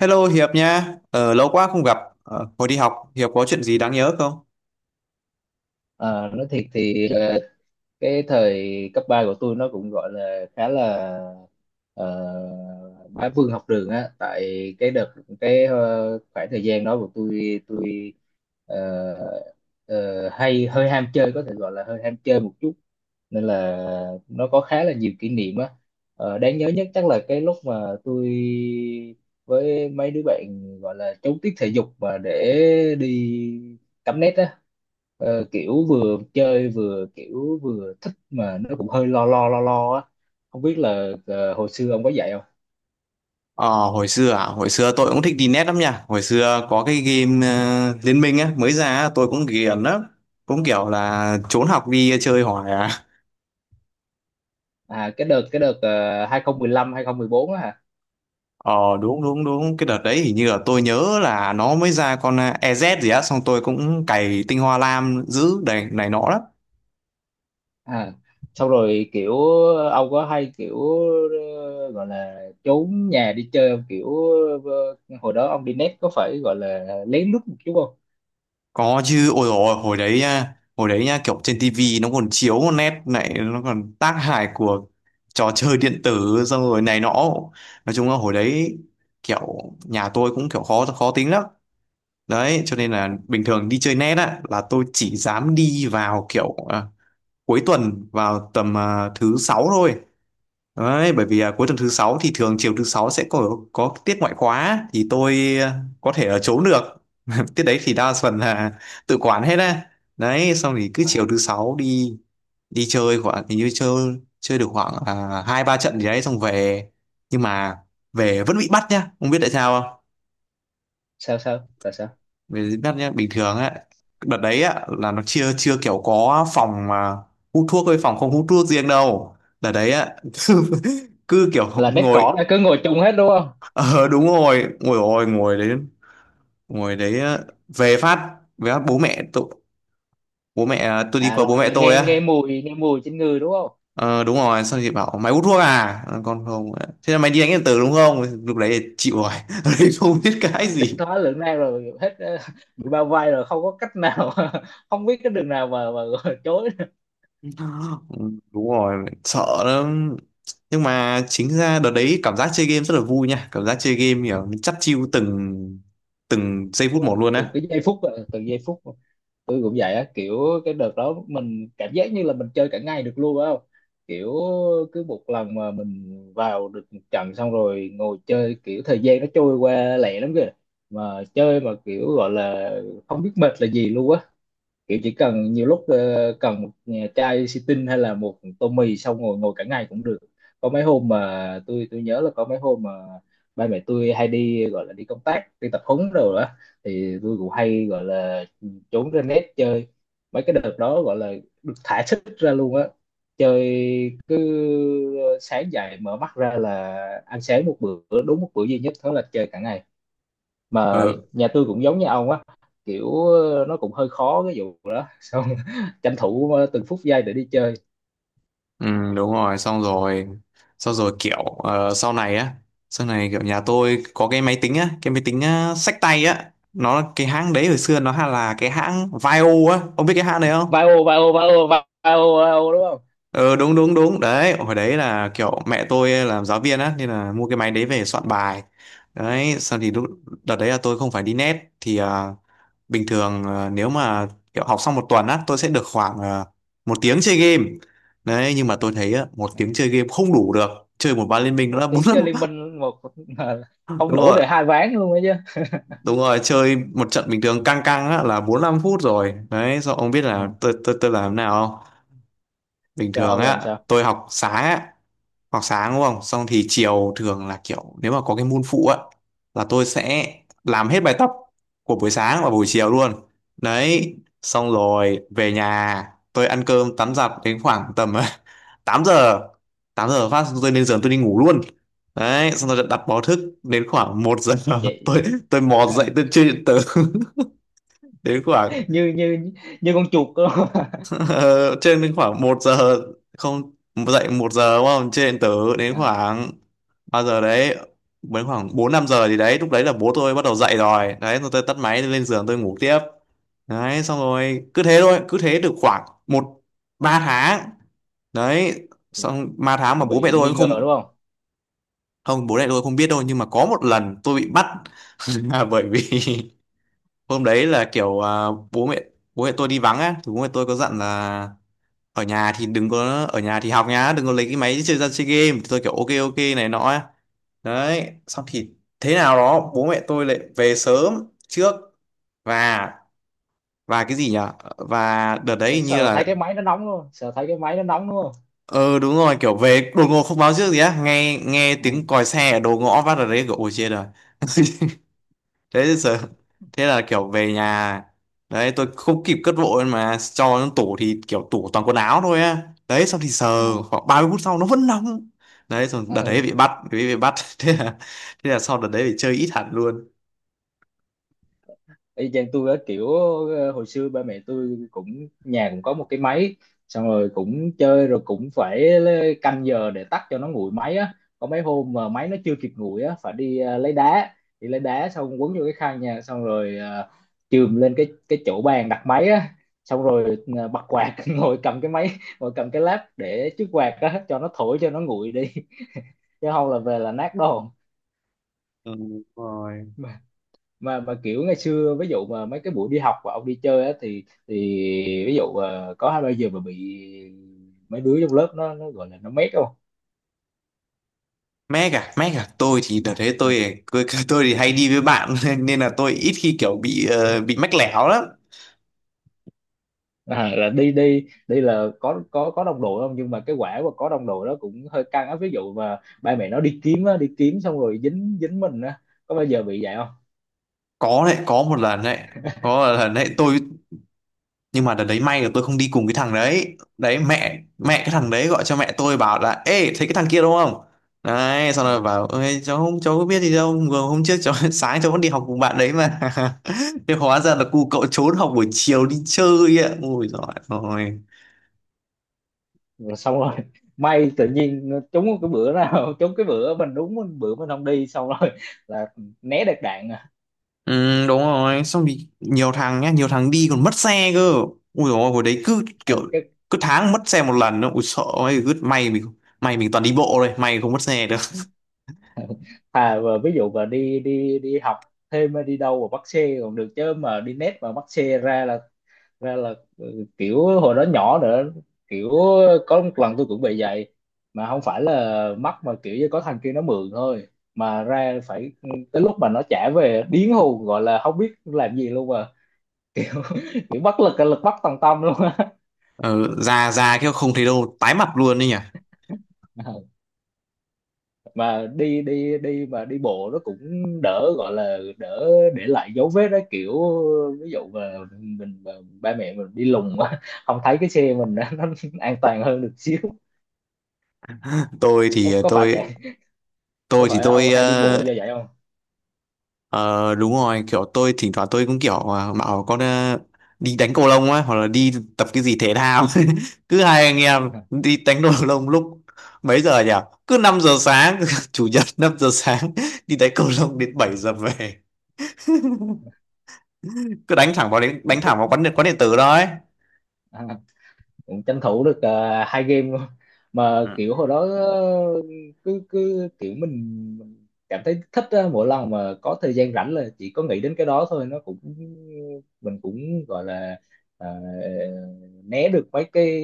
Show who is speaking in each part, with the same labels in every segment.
Speaker 1: Hello Hiệp nha, lâu quá không gặp. Hồi đi học, Hiệp có chuyện gì đáng nhớ không?
Speaker 2: Ờ, nói thiệt thì, cái thời cấp 3 của tôi nó cũng gọi là khá là bá vương học đường á. Tại cái đợt khoảng thời gian đó của tôi ờ, ờ, hay hơi ham chơi, có thể gọi là hơi ham chơi một chút, nên là nó có khá là nhiều kỷ niệm á. Đáng nhớ nhất chắc là cái lúc mà tôi với mấy đứa bạn gọi là trốn tiết thể dục mà để đi cắm nét á. Kiểu vừa chơi vừa kiểu vừa thích mà nó cũng hơi lo lo lo lo á, không biết là hồi xưa ông có dạy không.
Speaker 1: Hồi xưa tôi cũng thích đi net lắm nha. Hồi xưa có cái game Liên Minh á, mới ra á, tôi cũng ghiền lắm. Cũng kiểu là trốn học đi chơi hoài à.
Speaker 2: À, cái đợt 2015 2014 á hả?
Speaker 1: Ờ, đúng, đúng, đúng, cái đợt đấy hình như là tôi nhớ là nó mới ra con EZ gì á, xong tôi cũng cày tinh hoa lam giữ này này nọ lắm.
Speaker 2: À, xong rồi kiểu ông có hay kiểu gọi là trốn nhà đi chơi không, kiểu ờ, hồi đó ông đi net có phải gọi là lén lút một chút không?
Speaker 1: Có chứ, ôi dồi ôi, hồi đấy nha, kiểu trên tivi nó còn chiếu một nét này, nó còn tác hại của trò chơi điện tử xong rồi này nọ. Nói chung là hồi đấy kiểu nhà tôi cũng kiểu khó khó tính lắm. Đấy, cho nên là bình thường đi chơi net á là tôi chỉ dám đi vào kiểu cuối tuần vào tầm thứ sáu thôi. Đấy, bởi vì cuối tuần thứ sáu thì thường chiều thứ sáu sẽ có tiết ngoại khóa thì tôi có thể ở trốn được tiết đấy thì đa phần là tự quản hết á, đấy xong thì cứ chiều
Speaker 2: À,
Speaker 1: thứ sáu đi đi chơi khoảng, hình như chơi chơi được khoảng hai ba trận gì đấy xong về. Nhưng mà về vẫn bị bắt nhá, không biết tại sao không.
Speaker 2: sao sao tại sao?
Speaker 1: Về bị bắt nhá, bình thường á, đợt đấy á là nó chưa chưa kiểu có phòng mà hút thuốc với phòng không hút thuốc riêng đâu, đợt đấy á cứ, cứ kiểu
Speaker 2: Là net
Speaker 1: ngồi.
Speaker 2: cỏ là cứ ngồi chung hết đúng không?
Speaker 1: Ờ đúng rồi ngồi đấy á, về phát bố mẹ tôi, tôi đi
Speaker 2: À
Speaker 1: qua
Speaker 2: là,
Speaker 1: bố mẹ
Speaker 2: nghe
Speaker 1: tôi
Speaker 2: nghe
Speaker 1: á.
Speaker 2: mùi trên người đúng không?
Speaker 1: Ờ đúng rồi, xong chị bảo mày hút thuốc à? Ờ, con không ạ. Thế là mày đi đánh điện tử đúng không? Lúc đấy thì chịu rồi. Lúc đấy không biết cái
Speaker 2: Tiến
Speaker 1: gì.
Speaker 2: thoái lưỡng nan rồi hết, bị bao vây rồi không có cách nào. Không biết cái đường nào mà chối.
Speaker 1: Ừ, đúng rồi, sợ lắm. Nhưng mà chính ra đợt đấy cảm giác chơi game rất là vui nha, cảm giác chơi game kiểu mình chắt chiu từng từng giây
Speaker 2: Đúng
Speaker 1: phút một
Speaker 2: rồi,
Speaker 1: luôn
Speaker 2: từng
Speaker 1: á.
Speaker 2: cái giây phút, từng giây phút, tôi cũng vậy á, kiểu cái đợt đó mình cảm giác như là mình chơi cả ngày được luôn á, không kiểu, cứ một lần mà mình vào được một trận xong rồi ngồi chơi, kiểu thời gian nó trôi qua lẹ lắm kìa, mà chơi mà kiểu gọi là không biết mệt là gì luôn á. Kiểu chỉ cần nhiều lúc, cần một chai xì tinh hay là một tô mì, xong ngồi ngồi cả ngày cũng được. Có mấy hôm mà tôi nhớ là có mấy hôm mà ba mẹ tôi hay đi gọi là đi công tác, đi tập huấn rồi đó, thì tôi cũng hay gọi là trốn ra net chơi. Mấy cái đợt đó gọi là được thả sức ra luôn á, chơi cứ, sáng dậy mở mắt ra là ăn sáng một bữa, đúng một bữa duy nhất, thế là chơi cả ngày mà.
Speaker 1: Ờ,
Speaker 2: Nhà tôi cũng giống như ông á, kiểu, nó cũng hơi khó cái vụ đó, xong tranh thủ từng phút giây để đi chơi.
Speaker 1: ừ, đúng rồi, xong rồi kiểu sau này kiểu nhà tôi có cái máy tính xách tay á, nó cái hãng đấy hồi xưa nó hay là cái hãng Vaio á, ông biết cái hãng đấy không?
Speaker 2: Vai ô đúng không?
Speaker 1: Ờ Đúng đúng đúng đấy, hồi đấy là kiểu mẹ tôi làm giáo viên á nên là mua cái máy đấy về soạn bài. Đấy xong thì lúc đợt đấy là tôi không phải đi net thì bình thường nếu mà kiểu học xong một tuần á tôi sẽ được khoảng một tiếng chơi game. Đấy nhưng mà tôi thấy á, một
Speaker 2: Ừ.
Speaker 1: tiếng chơi game không đủ được, chơi một ván liên minh nó
Speaker 2: Một
Speaker 1: đã bốn
Speaker 2: tiếng
Speaker 1: năm.
Speaker 2: chơi Liên Minh, một mà không
Speaker 1: Đúng
Speaker 2: đủ
Speaker 1: rồi,
Speaker 2: để hai ván luôn ấy chứ.
Speaker 1: đúng rồi, chơi một trận bình thường căng căng á là bốn năm phút rồi đấy. Sao ông biết
Speaker 2: À,
Speaker 1: là tôi làm thế nào không? Bình
Speaker 2: sao
Speaker 1: thường
Speaker 2: ông làm
Speaker 1: á
Speaker 2: sao
Speaker 1: tôi học sáng á, hoặc sáng đúng không, xong thì chiều thường là kiểu nếu mà có cái môn phụ á là tôi sẽ làm hết bài tập của buổi sáng và buổi chiều luôn đấy. Xong rồi về nhà tôi ăn cơm tắm giặt đến khoảng tầm 8 giờ 8 giờ phát tôi lên giường tôi đi ngủ luôn đấy. Xong rồi đặt báo thức đến khoảng một giờ
Speaker 2: vậy?
Speaker 1: tôi tôi mò dậy tôi chưa điện tử. Đến khoảng
Speaker 2: như như Như con chuột đó.
Speaker 1: Ờ, trên đến khoảng một giờ, không, dậy một giờ đúng không, trên tớ đến
Speaker 2: À,
Speaker 1: khoảng bao giờ đấy, đến khoảng 4 5 giờ thì đấy lúc đấy là bố tôi bắt đầu dậy rồi đấy, rồi tôi tắt máy tôi lên giường tôi ngủ tiếp. Đấy xong rồi cứ thế thôi, cứ thế được khoảng một ba tháng. Đấy
Speaker 2: là,
Speaker 1: xong ba tháng
Speaker 2: là
Speaker 1: mà bố mẹ
Speaker 2: bị
Speaker 1: tôi
Speaker 2: nghi
Speaker 1: cũng
Speaker 2: ngờ
Speaker 1: không
Speaker 2: đúng không?
Speaker 1: không bố mẹ tôi không biết đâu. Nhưng mà có một lần tôi bị bắt là bởi vì hôm đấy là kiểu bố mẹ bố mẹ tôi đi vắng á, thì bố mẹ tôi có dặn là ở nhà thì đừng có, ở nhà thì học nhá, đừng có lấy cái máy chơi ra chơi game, thì tôi kiểu ok ok này nọ ấy. Đấy xong thì thế nào đó bố mẹ tôi lại về sớm trước, và và cái gì nhỉ, và đợt đấy hình như là
Speaker 2: Sợ thấy cái máy nó nóng đúng không?
Speaker 1: ờ đúng rồi, kiểu về đột ngột không báo trước gì á, nghe nghe tiếng còi xe ở đầu ngõ phát ở đấy kiểu ôi chết rồi. Thế sợ, thế là kiểu về nhà đấy tôi không kịp cất vội mà cho nó tủ, thì kiểu tủ toàn quần áo thôi á, đấy xong thì sờ
Speaker 2: À,
Speaker 1: khoảng 30 phút sau nó vẫn nóng đấy, rồi đợt
Speaker 2: à, à.
Speaker 1: đấy bị bắt thế là thế là sau đợt đấy phải chơi ít hẳn luôn.
Speaker 2: Y chang tôi á, kiểu, hồi xưa ba mẹ tôi cũng, nhà cũng có một cái máy, xong rồi cũng chơi, rồi cũng phải canh giờ để tắt cho nó nguội máy á. Có mấy hôm mà máy nó chưa kịp nguội á, phải đi lấy đá, đi lấy đá xong quấn vô cái khăn nha, xong rồi uh, chườm lên cái chỗ bàn đặt máy á, xong rồi, bật quạt, ngồi cầm cái lab để trước quạt á cho nó thổi cho nó nguội đi, chứ không là về là nát đồ.
Speaker 1: Ừ, đúng rồi.
Speaker 2: Mà kiểu ngày xưa, ví dụ mà mấy cái buổi đi học và ông đi chơi á, thì ví dụ, có hai ba giờ mà bị mấy đứa trong lớp nó gọi là nó mét không?
Speaker 1: Mac à, tôi thì đợt đấy
Speaker 2: À,
Speaker 1: tôi thì hay đi với bạn nên nên là tôi ít khi kiểu bị mách lẻo lắm.
Speaker 2: à, là đi đi đi là có đồng đội không? Nhưng mà cái quả mà có đồng đội đó cũng hơi căng á, ví dụ mà ba mẹ nó đi kiếm á, đi kiếm xong rồi dính dính mình á, có bao giờ bị vậy không?
Speaker 1: Có đấy, có một lần đấy tôi, nhưng mà đợt đấy may là tôi không đi cùng cái thằng đấy đấy, mẹ mẹ cái thằng đấy gọi cho mẹ tôi bảo là ê thấy cái thằng kia đúng không, đấy xong rồi
Speaker 2: À,
Speaker 1: bảo ơi cháu không, cháu có biết gì đâu, vừa hôm trước cháu sáng cháu vẫn đi học cùng bạn đấy mà. Thế hóa ra là cu cậu trốn học buổi chiều đi chơi ạ, ôi giời ơi.
Speaker 2: rồi xong rồi, may tự nhiên trúng cái bữa nào trúng cái bữa mình, đúng bữa mình không đi, xong rồi là né được đạn à.
Speaker 1: Ừ, đúng rồi, xong thì nhiều thằng nhá, nhiều thằng đi còn mất xe cơ, ui dồi ôi hồi đấy cứ kiểu
Speaker 2: Ờ, cái
Speaker 1: cứ tháng mất xe một lần nữa ui sợ ơi, cứ may mình toàn đi bộ thôi, may không mất xe được.
Speaker 2: Thà mà ví dụ mà đi đi đi học thêm hay đi đâu mà bắt xe còn được, chứ mà đi net mà bắt xe ra là, ừ, kiểu hồi đó nhỏ nữa, kiểu có một lần tôi cũng bị vậy, mà không phải là mắc mà kiểu như có thằng kia nó mượn thôi, mà ra phải, tới lúc mà nó trả về điên hù gọi là không biết làm gì luôn mà, kiểu bất lực lực bất tòng tâm luôn á.
Speaker 1: Ờ, ra ra cái không thấy đâu tái mặt luôn đấy nhỉ.
Speaker 2: Mà đi đi đi mà đi bộ nó cũng đỡ, gọi là đỡ để lại dấu vết đó, kiểu ví dụ mà mình mà ba mẹ mình đi lùng, không thấy cái xe mình á, nó an toàn hơn được xíu.
Speaker 1: tôi thì
Speaker 2: Có phải vậy,
Speaker 1: tôi
Speaker 2: có
Speaker 1: tôi thì
Speaker 2: phải ông
Speaker 1: tôi
Speaker 2: hay đi bộ do vậy không?
Speaker 1: ờ, đúng rồi kiểu tôi thỉnh thoảng tôi cũng kiểu bảo con đi đánh cầu lông á hoặc là đi tập cái gì thể thao. Cứ hai anh em đi đánh cầu lông lúc mấy giờ nhỉ, cứ 5 giờ sáng, chủ nhật 5 giờ sáng đi đánh cầu lông đến 7 giờ về, cứ đánh thẳng vào đến đánh
Speaker 2: Cũng chết
Speaker 1: thẳng vào quán điện tử đó ấy.
Speaker 2: à, cũng tranh thủ được hai game luôn. Mà kiểu hồi đó, cứ cứ kiểu mình cảm thấy thích á, mỗi lần mà có thời gian rảnh là chỉ có nghĩ đến cái đó thôi, nó cũng mình cũng gọi là ờ, né được mấy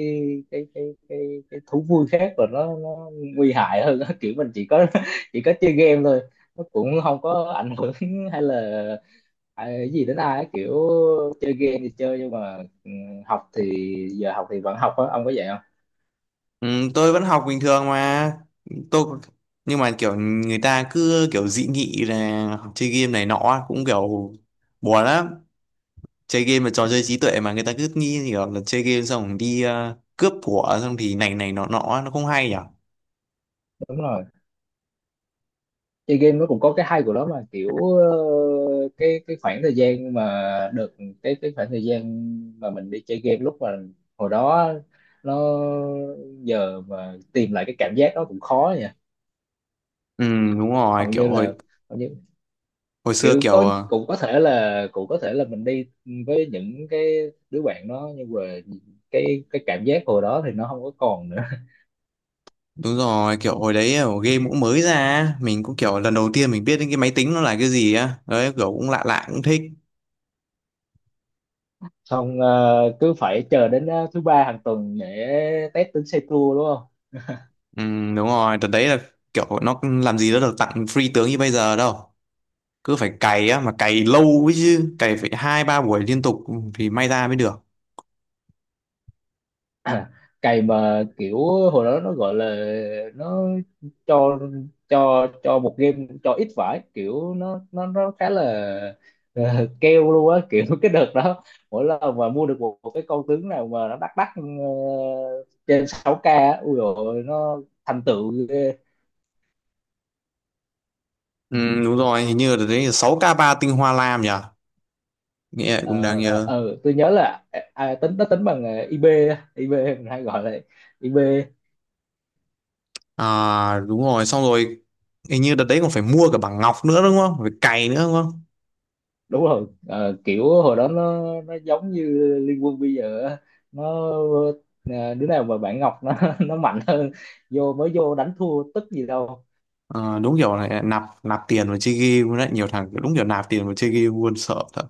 Speaker 2: cái cái cái cái thú vui khác rồi, nó nguy hại hơn á. Kiểu mình chỉ có chơi game thôi, nó cũng không có ảnh hưởng hay là à, cái gì đến ai á, kiểu chơi game thì chơi nhưng mà ừ, học thì, giờ học thì vẫn học á, ông có vậy không?
Speaker 1: Ừ, tôi vẫn học bình thường mà tôi. Nhưng mà kiểu người ta cứ kiểu dị nghị là học chơi game này nọ cũng kiểu buồn lắm. Chơi game là trò chơi trí tuệ mà người ta cứ nghĩ kiểu là chơi game xong rồi đi cướp của xong thì này này nọ nọ, nó không hay nhỉ.
Speaker 2: Đúng rồi, chơi game nó cũng có cái hay của nó mà, kiểu, được cái khoảng thời gian mà mình đi chơi game lúc mà hồi đó, nó giờ mà tìm lại cái cảm giác đó cũng khó nha.
Speaker 1: Ừ đúng rồi
Speaker 2: hầu
Speaker 1: kiểu
Speaker 2: như là
Speaker 1: hồi
Speaker 2: Hầu như
Speaker 1: hồi xưa
Speaker 2: kiểu
Speaker 1: kiểu
Speaker 2: có, cũng có thể là mình đi với những cái đứa bạn đó nhưng mà cái cảm giác hồi đó thì nó không có còn nữa.
Speaker 1: đúng rồi kiểu hồi đấy kiểu game cũng mới ra, mình cũng kiểu lần đầu tiên mình biết đến cái máy tính nó là cái gì á, đấy kiểu cũng lạ lạ cũng thích.
Speaker 2: Xong, cứ phải chờ đến thứ ba hàng tuần để test tính xe tua đúng không?
Speaker 1: Ừ, đúng rồi đợt đấy là kiểu nó làm gì nó được tặng free tướng như bây giờ đâu, cứ phải cày á mà cày lâu ấy chứ, cày phải hai ba buổi liên tục thì may ra mới được.
Speaker 2: Cày mà kiểu hồi đó nó gọi là, nó cho cho một game, cho ít vải, kiểu nó khá là ờ, keo luôn á, kiểu cái đợt đó mỗi lần mà mua được một cái con tướng nào mà nó đắt đắt, trên 6K á, ui dồi ôi, nó thành tựu.
Speaker 1: Ừ, đúng rồi, hình như là đấy 6k3 tinh hoa lam nhỉ, nghĩa cũng đáng
Speaker 2: ờ
Speaker 1: nhớ.
Speaker 2: tôi nhớ là à, à, tính nó tính bằng IB á, IB mình hay gọi là IB.
Speaker 1: À đúng rồi, xong rồi hình như đợt đấy còn phải mua cả bảng ngọc nữa đúng không, phải cày nữa đúng không.
Speaker 2: Đúng rồi. Ờ, Kiểu hồi đó nó giống như Liên Quân bây giờ á. nó ờ, Đứa nào mà bạn Ngọc nó mạnh hơn, mới vô đánh thua tức gì đâu.
Speaker 1: Ờ, đúng kiểu này, nạp nạp tiền vào chơi game luôn đấy, nhiều thằng đúng kiểu nạp tiền vào chơi game luôn, sợ thật.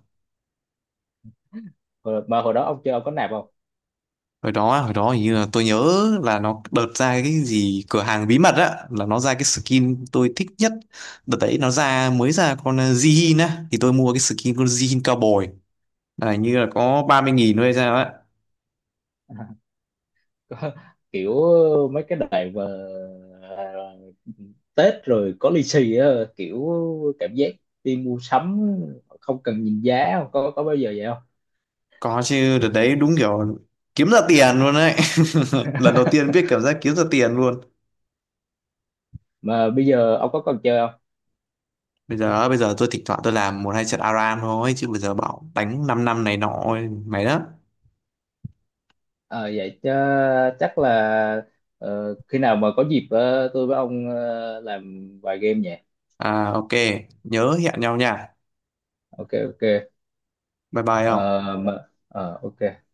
Speaker 2: Hồi- mà Hồi đó ông chơi ông có nạp không?
Speaker 1: Hồi đó hình như là tôi nhớ là nó đợt ra cái gì cửa hàng bí mật á, là nó ra cái skin tôi thích nhất, đợt đấy nó ra mới ra con Jihin á, thì tôi mua cái skin con Jihin cao bồi là hình như là có 30.000 thôi hay sao á.
Speaker 2: Có- Kiểu mấy cái đoạn mà ờ, Tết rồi có lì xì á, kiểu cảm giác đi mua sắm không cần nhìn giá, không có bao giờ vậy không?
Speaker 1: Có chứ, đợt đấy đúng kiểu kiếm ra tiền luôn đấy. Lần đầu tiên biết cảm giác kiếm ra tiền luôn.
Speaker 2: Mà bây giờ ông có còn chơi không?
Speaker 1: Bây giờ tôi thỉnh thoảng tôi làm một hai trận ARAM thôi, chứ bây giờ bảo đánh 5 năm này nọ mày đó.
Speaker 2: Ờ, Vậy chứ chắc là, khi nào mà có dịp, tôi với ông làm vài game nhỉ?
Speaker 1: À ok, nhớ hẹn nhau nha.
Speaker 2: Ok, ok.
Speaker 1: Bye bye
Speaker 2: Ờ,
Speaker 1: không.
Speaker 2: mà, ok.